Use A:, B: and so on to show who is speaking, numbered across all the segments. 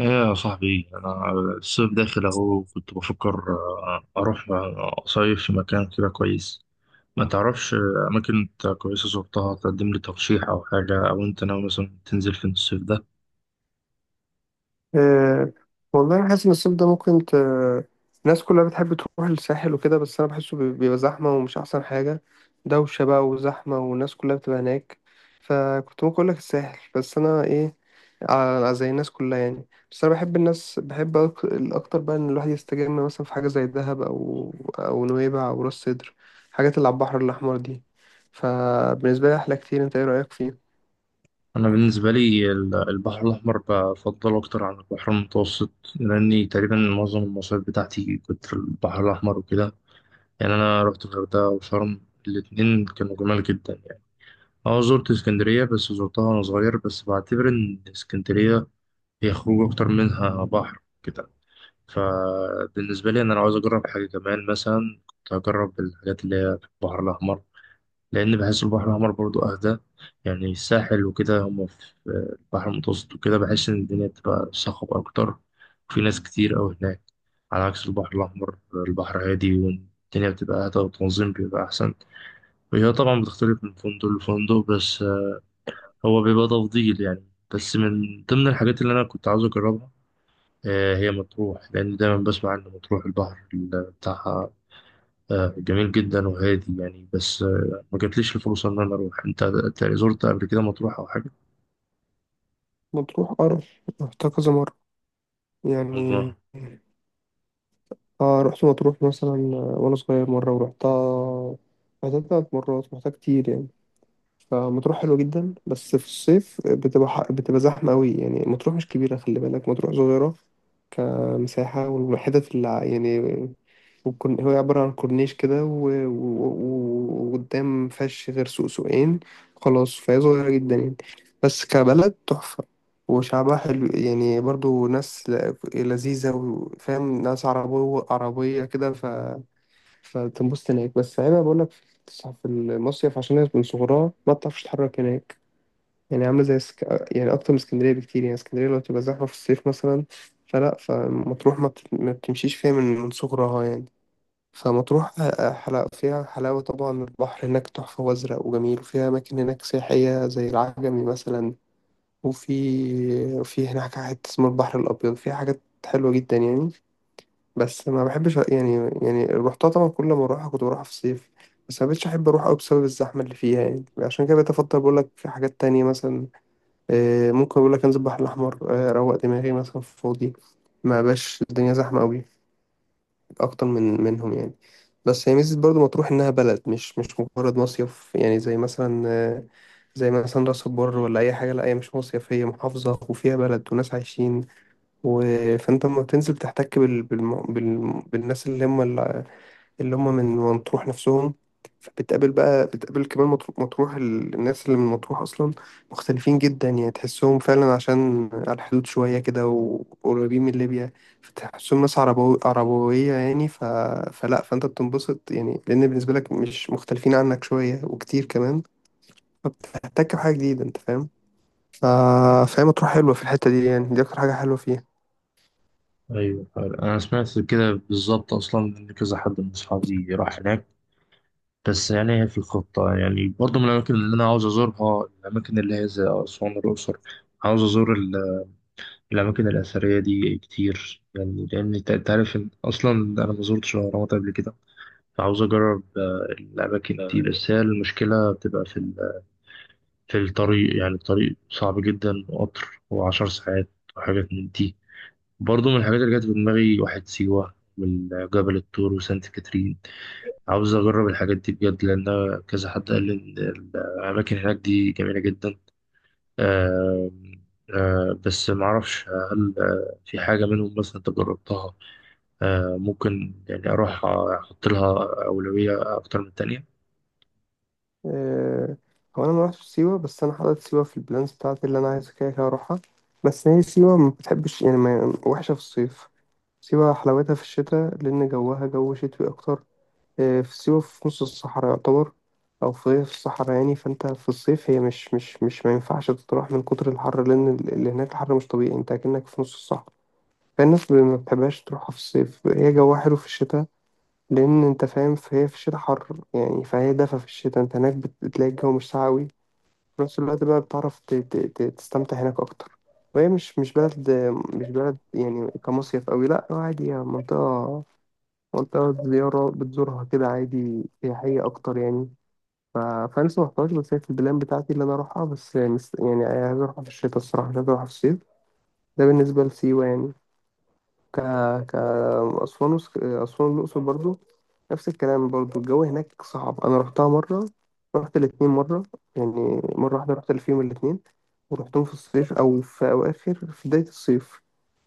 A: ايه يا صاحبي، انا الصيف داخل اهو. كنت بفكر اروح اصيف في مكان كده كويس. ما تعرفش اماكن انت كويسه زرتها تقدم لي ترشيح او حاجه، او انت ناوي مثلا تنزل فين الصيف ده؟
B: أه والله أنا حاسس إن الصيف ده ممكن الناس كلها بتحب تروح الساحل وكده، بس أنا بحسه بيبقى زحمة ومش أحسن حاجة. دوشة بقى وزحمة والناس كلها بتبقى هناك. فكنت ممكن أقولك الساحل، بس أنا إيه، زي الناس كلها يعني. بس أنا بحب الناس، بحب الأكتر بقى إن الواحد يستجم مثلا في حاجة زي دهب أو نويبع أو راس سدر، الحاجات اللي على البحر الأحمر دي. فبالنسبة لي أحلى كتير. أنت إيه رأيك فيه؟
A: انا بالنسبه لي البحر الاحمر بفضله اكتر عن البحر المتوسط، لاني تقريبا معظم المصايف بتاعتي كنت في البحر الاحمر وكده. يعني انا رحت الغردقه وشرم، الاتنين كانوا جمال جدا يعني. اه زرت اسكندرية، بس زرتها وأنا صغير، بس بعتبر إن اسكندرية هي خروج أكتر منها بحر كده. فبالنسبة لي أنا لو عاوز أجرب حاجة كمان مثلا، كنت هجرب الحاجات اللي هي في البحر الأحمر، لأن بحس البحر الأحمر برضو أهدى. يعني الساحل وكده هما في البحر المتوسط وكده، بحس إن الدنيا بتبقى صخب أكتر، وفي ناس كتير أوي هناك. على عكس البحر الأحمر، البحر هادي والدنيا بتبقى أهدى والتنظيم بيبقى أحسن. وهي طبعا بتختلف من فندق لفندق، بس هو بيبقى تفضيل يعني. بس من ضمن الحاجات اللي أنا كنت عاوز أجربها هي مطروح، لأن دايما بسمع عن مطروح البحر بتاعها جميل جدا وهادي يعني. بس ما جاتليش الفرصة إن أنا أروح. أنت زرت قبل كده مطروح أو حاجة؟
B: مطروح أرض، رحتها كذا مرة يعني.
A: الله.
B: اه، رحت مطروح مثلا وانا صغير مرة ورحتها. رحتها تلات مرات، رحتها كتير يعني. فمطروح حلوة جدا، بس في الصيف بتبقى بتبقى زحمة أوي يعني. مطروح مش كبيرة، خلي بالك، مطروح صغيرة كمساحة، والحتت اللي يعني هو عبارة عن كورنيش كده وقدام مفيهاش غير سوق سوقين. خلاص، فهي صغيرة جدا يعني، بس كبلد تحفة. وشعبها حلو يعني، برضو ناس لذيذة، وفاهم ناس عربية عربية كده. فتنبسط هناك، بس عيبها بقول لك في المصيف، عشان هي من صغرها ما بتعرفش تتحرك هناك. يعني عامله زي يعني اكتر من اسكندريه بكتير يعني. اسكندريه لو تبقى زحمه في الصيف مثلا، فلا، فمطروح ما بتمشيش فيها من صغرها يعني. فمطروح حلاوة فيها، حلاوة طبعا. البحر هناك تحفة وأزرق وجميل، وفيها أماكن هناك سياحية زي العجمي مثلا، وفي هناك حتة اسمها البحر الأبيض فيها حاجات حلوة جدا يعني. بس ما بحبش يعني، يعني روحتها طبعا، كل ما اروحها كنت بروحها في الصيف، بس ما بقتش احب اروح قوي بسبب الزحمه اللي فيها يعني. عشان كده بقيت افضل، بقول لك حاجات تانية مثلا. ممكن اقول لك انزل البحر الاحمر، اروق دماغي مثلا في فاضي، ما بقاش الدنيا زحمه قوي، اكتر منهم يعني. بس هي ميزه برضو مطروح، انها بلد مش مجرد مصيف يعني، زي مثلا زي مثلا راس البر ولا اي حاجه، لا هي مش مصيف، هي محافظه وفيها بلد وناس عايشين و... فانت لما بتنزل بتحتك بالناس اللي هم، اللي هم من مطروح نفسهم. فبتقابل بقى، بتقابل كمان الناس اللي من مطروح أصلا، مختلفين جدا يعني، تحسهم فعلا، عشان على الحدود شوية كده وقريبين من ليبيا. فتحسهم ناس عربوية يعني. فلا، فأنت بتنبسط يعني، لأن بالنسبة لك مش مختلفين عنك شوية، وكتير كمان، فبتحتك بحاجة جديدة، أنت فاهم. ف- فهي مطروح حلوة في الحتة دي يعني، دي أكتر حاجة حلوة فيها.
A: أيوه، أنا سمعت كده بالظبط، أصلا إن كذا حد من أصحابي راح هناك. بس يعني هي في الخطة يعني، برضه من الأماكن اللي أنا عاوز أزورها الأماكن اللي هي زي أسوان والأقصر. عاوز أزور الأماكن الأثرية دي كتير، يعني لأن أنت عارف إن أصلا أنا ما زرتش الأهرامات قبل كده. فعاوز أجرب الأماكن دي، بس هي المشكلة بتبقى في الطريق. يعني الطريق صعب جدا، وقطر وعشر ساعات وحاجات من دي. برضه من الحاجات اللي جت في دماغي واحد سيوة من جبل الطور وسانت كاترين. عاوز أجرب الحاجات دي بجد، لأن كذا حد قال لي إن الأماكن هناك دي جميلة جدا. آه بس معرفش هل في حاجة منهم مثلا أنت جربتها، ممكن يعني أروح أحط لها أولوية أكتر من التانية.
B: آه، هو انا ما رحتش سيوه، بس انا حاطط سيوه في البلانز بتاعتي اللي انا عايز كده كده اروحها. بس هي سيوه ما بتحبش يعني، ما وحشه في الصيف. سيوه حلاوتها في الشتاء، لان جوها جو شتوي اكتر. في سيوه في نص الصحراء يعتبر، او في الصحراء يعني، فانت في الصيف هي مش ما ينفعش تروح من كتر الحر، لان اللي هناك الحر مش طبيعي، انت اكنك في نص الصحراء. فالناس ما بتحبهاش تروحها في الصيف، هي جوها حلو في الشتاء. لان انت فاهم، فهي في الشتاء حر يعني، فهي دفا في الشتاء، انت هناك بتلاقي الجو مش ساقع أوي، في نفس الوقت بقى بتعرف تستمتع هناك أكتر. وهي مش مش بلد، مش بلد يعني كمصيف أوي، لأ هو عادي، هي منطقة، منطقة زيارة بتزورها كده عادي، سياحية أكتر يعني. فأنا لسه محتاج، بس هي في البلان بتاعتي اللي أنا أروحها، بس يعني عايز أروحها في الشتاء الصراحة، مش عايز أروحها في الصيف. ده بالنسبة لسيوة يعني. ك ك أسوان أسوان والأقصر برضو، نفس الكلام برضو. الجو هناك صعب. أنا رحتها مرة، رحت الاتنين مرة يعني، مرة واحدة رحت فيهم الاتنين، ورحتهم في الصيف أو في أواخر، في بداية الصيف.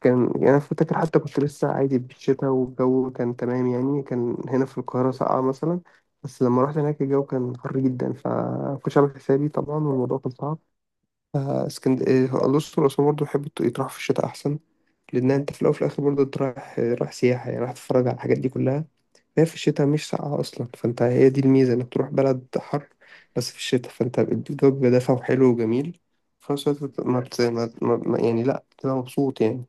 B: كان يعني أنا فاكر حتى كنت لسه عادي بالشتا والجو كان تمام يعني، كان هنا في القاهرة ساقعة مثلا، بس لما رحت هناك الجو كان حر جدا، فمكنتش عامل حسابي طبعا، والموضوع كان صعب. آه، اسكند آه، الأقصر وأسوان برضه بحب يتراح في الشتاء أحسن، لأن أنت في الأول وفي الآخر برضه أنت رايح، رايح سياحة يعني، رايح تتفرج على الحاجات دي كلها. هي في الشتاء مش ساقعة أصلا، فأنت هي دي الميزة إنك تروح بلد حر بس في الشتاء، فأنت الجو بيبقى دافع وحلو وجميل، في نفس الوقت بت- ما بت... ما... ما... ما- يعني لأ بتبقى مبسوط يعني.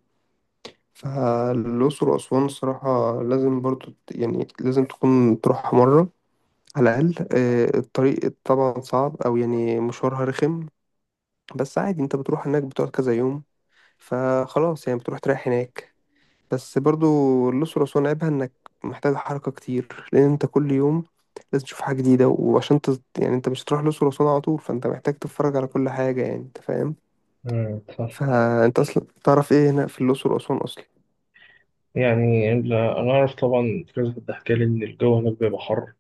B: فالأقصر وأسوان الصراحة لازم برضه يعني لازم تكون تروحها مرة على الأقل. الطريق طبعا صعب، أو يعني مشوارها رخم، بس عادي، انت بتروح هناك بتقعد كذا يوم، فخلاص يعني بتروح تريح هناك. بس برضو الأقصر وأسوان عيبها إنك محتاج حركة كتير، لأن أنت كل يوم لازم تشوف حاجة جديدة، وعشان يعني أنت مش هتروح الأقصر وأسوان على طول، فأنت محتاج تتفرج على كل حاجة يعني، أنت فاهم، فأنت أصلا تعرف إيه هنا في الأقصر وأسوان أصلا.
A: يعني أنا أعرف طبعا، في كذا حد حكى لي إن الجو هناك بيبقى حر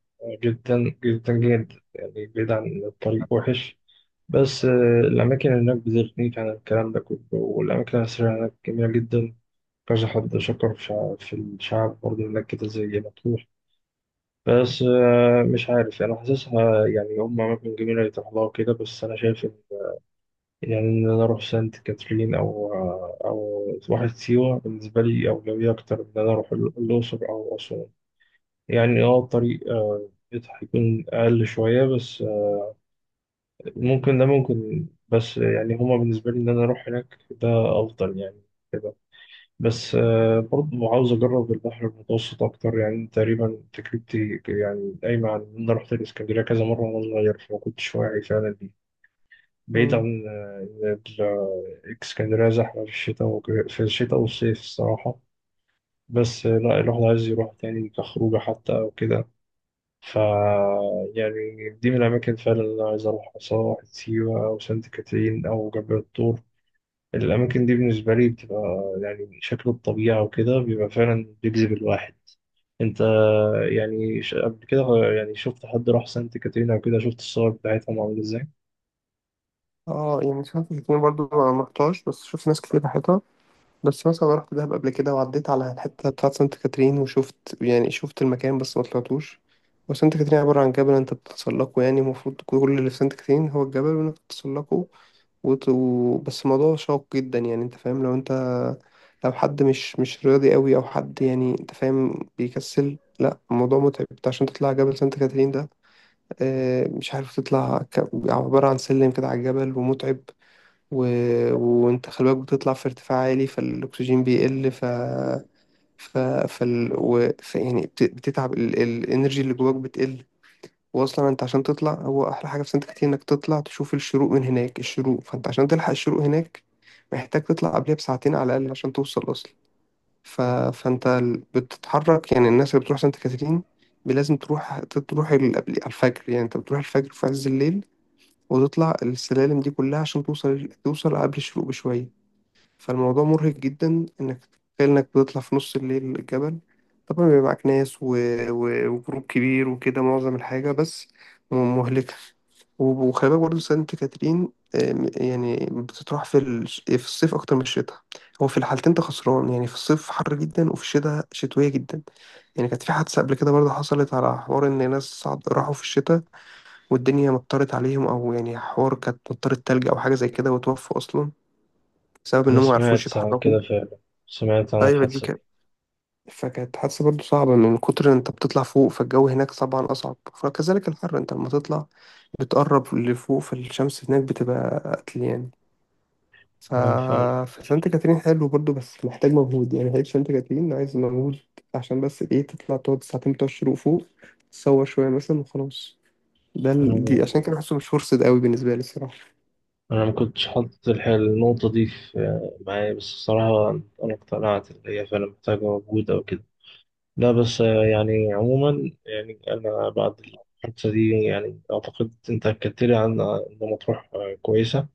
A: جدا جدا جدا يعني، بعيد عن الطريق وحش. بس الأماكن هناك بتغنيك عن الكلام ده كله، والأماكن الأثرية هناك جميلة جدا. كذا حد شكر في في الشعب برضه هناك كده زي مطروح. بس مش عارف، أنا حاسسها يعني هم أماكن جميلة يتروح لها وكده، بس أنا شايف إن يعني إن أنا أروح سانت كاترين أو واحد سيوة بالنسبة لي أولوية أكتر من إن أنا أروح الأقصر أو أسوان. يعني الطريق هيكون أقل شوية، بس ممكن ده ممكن. بس يعني هما بالنسبة لي إن أنا أروح هناك ده أفضل يعني كده. بس برضه عاوز أجرب البحر المتوسط أكتر. يعني تقريبا تجربتي يعني قايمة على إن أنا رحت الإسكندرية كذا مرة وأنا صغير، فما كنتش واعي فعلا دي. بعيد
B: مم.
A: عن إن الإسكندرية زحمة في الشتاء في الشتاء والصيف الصراحة. بس لا الواحد عايز يروح تاني كخروجة حتى أو كده. ف يعني دي من الأماكن فعلا اللي أنا عايز أروحها، سواء واحد سيوة أو سانت كاترين أو جبل الطور. الأماكن دي بالنسبة لي بتبقى يعني شكل الطبيعة وكده بيبقى فعلا بيجذب الواحد. أنت يعني قبل كده، يعني شفت حد راح سانت كاترين أو كده؟ شفت الصور بتاعتهم عاملة إزاي؟
B: اه، يعني سمعت الاتنين برضو ما رحتهاش، بس شفت ناس كتير راحتها. بس مثلا أنا رحت دهب قبل كده، وعديت على الحتة بتاعت سانت كاترين، وشفت يعني، شفت المكان بس ما طلعتوش. وسانت كاترين عبارة عن جبل، انت بتتسلقه يعني، المفروض كل اللي في سانت كاترين هو الجبل، وانك بتتسلقه، بس الموضوع شاق جدا يعني، انت فاهم، لو انت، لو حد مش مش رياضي قوي او حد يعني، انت فاهم، بيكسل، لا الموضوع متعب، انت عشان تطلع جبل سانت كاترين ده مش عارف تطلع، عبارة عن سلم كده على الجبل ومتعب. و... وانت خلي بالك بتطلع في ارتفاع عالي، فالاكسجين بيقل، ف ف فال... و... ف... يعني بتتعب، الانرجي اللي جواك بتقل. واصلا انت عشان تطلع، هو احلى حاجه في سانت كاترين انك تطلع تشوف الشروق من هناك، الشروق، فانت عشان تلحق الشروق هناك محتاج تطلع قبلها بساعتين على الاقل عشان توصل اصلا. ف... فانت بتتحرك يعني، الناس اللي بتروح سانت كاترين لازم تروح، تروح قبل على الفجر يعني، انت بتروح الفجر في عز الليل، وتطلع السلالم دي كلها عشان توصل، قبل الشروق بشويه. فالموضوع مرهق جدا، انك تخيل انك بتطلع في نص الليل الجبل، طبعا بيبقى معاك ناس وجروب كبير وكده، معظم الحاجة بس مهلكة. وخلي بالك برضه سانت كاترين يعني بتطرح في الصيف أكتر من الشتاء، هو في الحالتين أنت خسران يعني، في الصيف حر جدا، وفي الشتاء شتوية جدا. يعني كانت في حادثة قبل كده برضه، حصلت على حوار إن ناس صعد راحوا في الشتاء، والدنيا مطرت عليهم، أو يعني حوار كانت مطرت تلج أو حاجة زي كده، وتوفوا أصلا بسبب
A: أنا
B: إنهم ما عرفوش
A: سمعت عن
B: يتحركوا.
A: كده فعلا، سمعت عن
B: ايوه، دي
A: الحادثة دي.
B: كانت فكانت حادثة برضه صعبة، من كتر إن انت بتطلع فوق، فالجو هناك طبعا اصعب، فكذلك الحر، انت لما تطلع بتقرب لفوق، فالشمس هناك بتبقى قتل يعني. ف...
A: أنا فعلا
B: فسانت كاترين حلو برضه، بس محتاج مجهود يعني، هيك سانت كاترين عايز مجهود عشان بس ايه، تطلع تقعد ساعتين بتوع الشروق فوق، تصور شوية مثلا وخلاص. ده
A: أنا
B: دي عشان كده بحسه مش فرصة قوي بالنسبة لي الصراحة.
A: أنا ما كنتش حاطط النقطة دي في معايا بس الصراحة. أنا اقتنعت إن هي فعلا محتاجة مجهود أو كده. لا بس يعني عموما، يعني أنا بعد الحادثة دي يعني أعتقد أنت أكدت لي عن إن مطروح كويسة.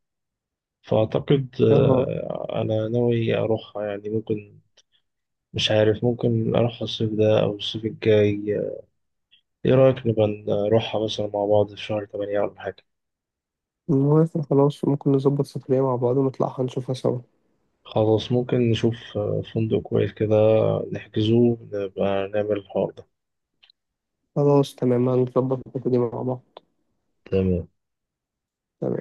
A: فأعتقد
B: اه،
A: أنا ناوي أروحها يعني ممكن. مش عارف، ممكن أروحها الصيف ده أو الصيف الجاي. إيه رأيك نبقى نروحها مثلا مع بعض في شهر تمانية ولا حاجة؟
B: المهم إحنا خلاص ممكن نظبط سفرية مع بعض ونطلعها نشوفها سوا.
A: خلاص ممكن نشوف فندق كويس كده، نحجزه نبقى نعمل الحوار ده.
B: خلاص، تمام، هنظبط الحتة دي مع بعض.
A: تمام.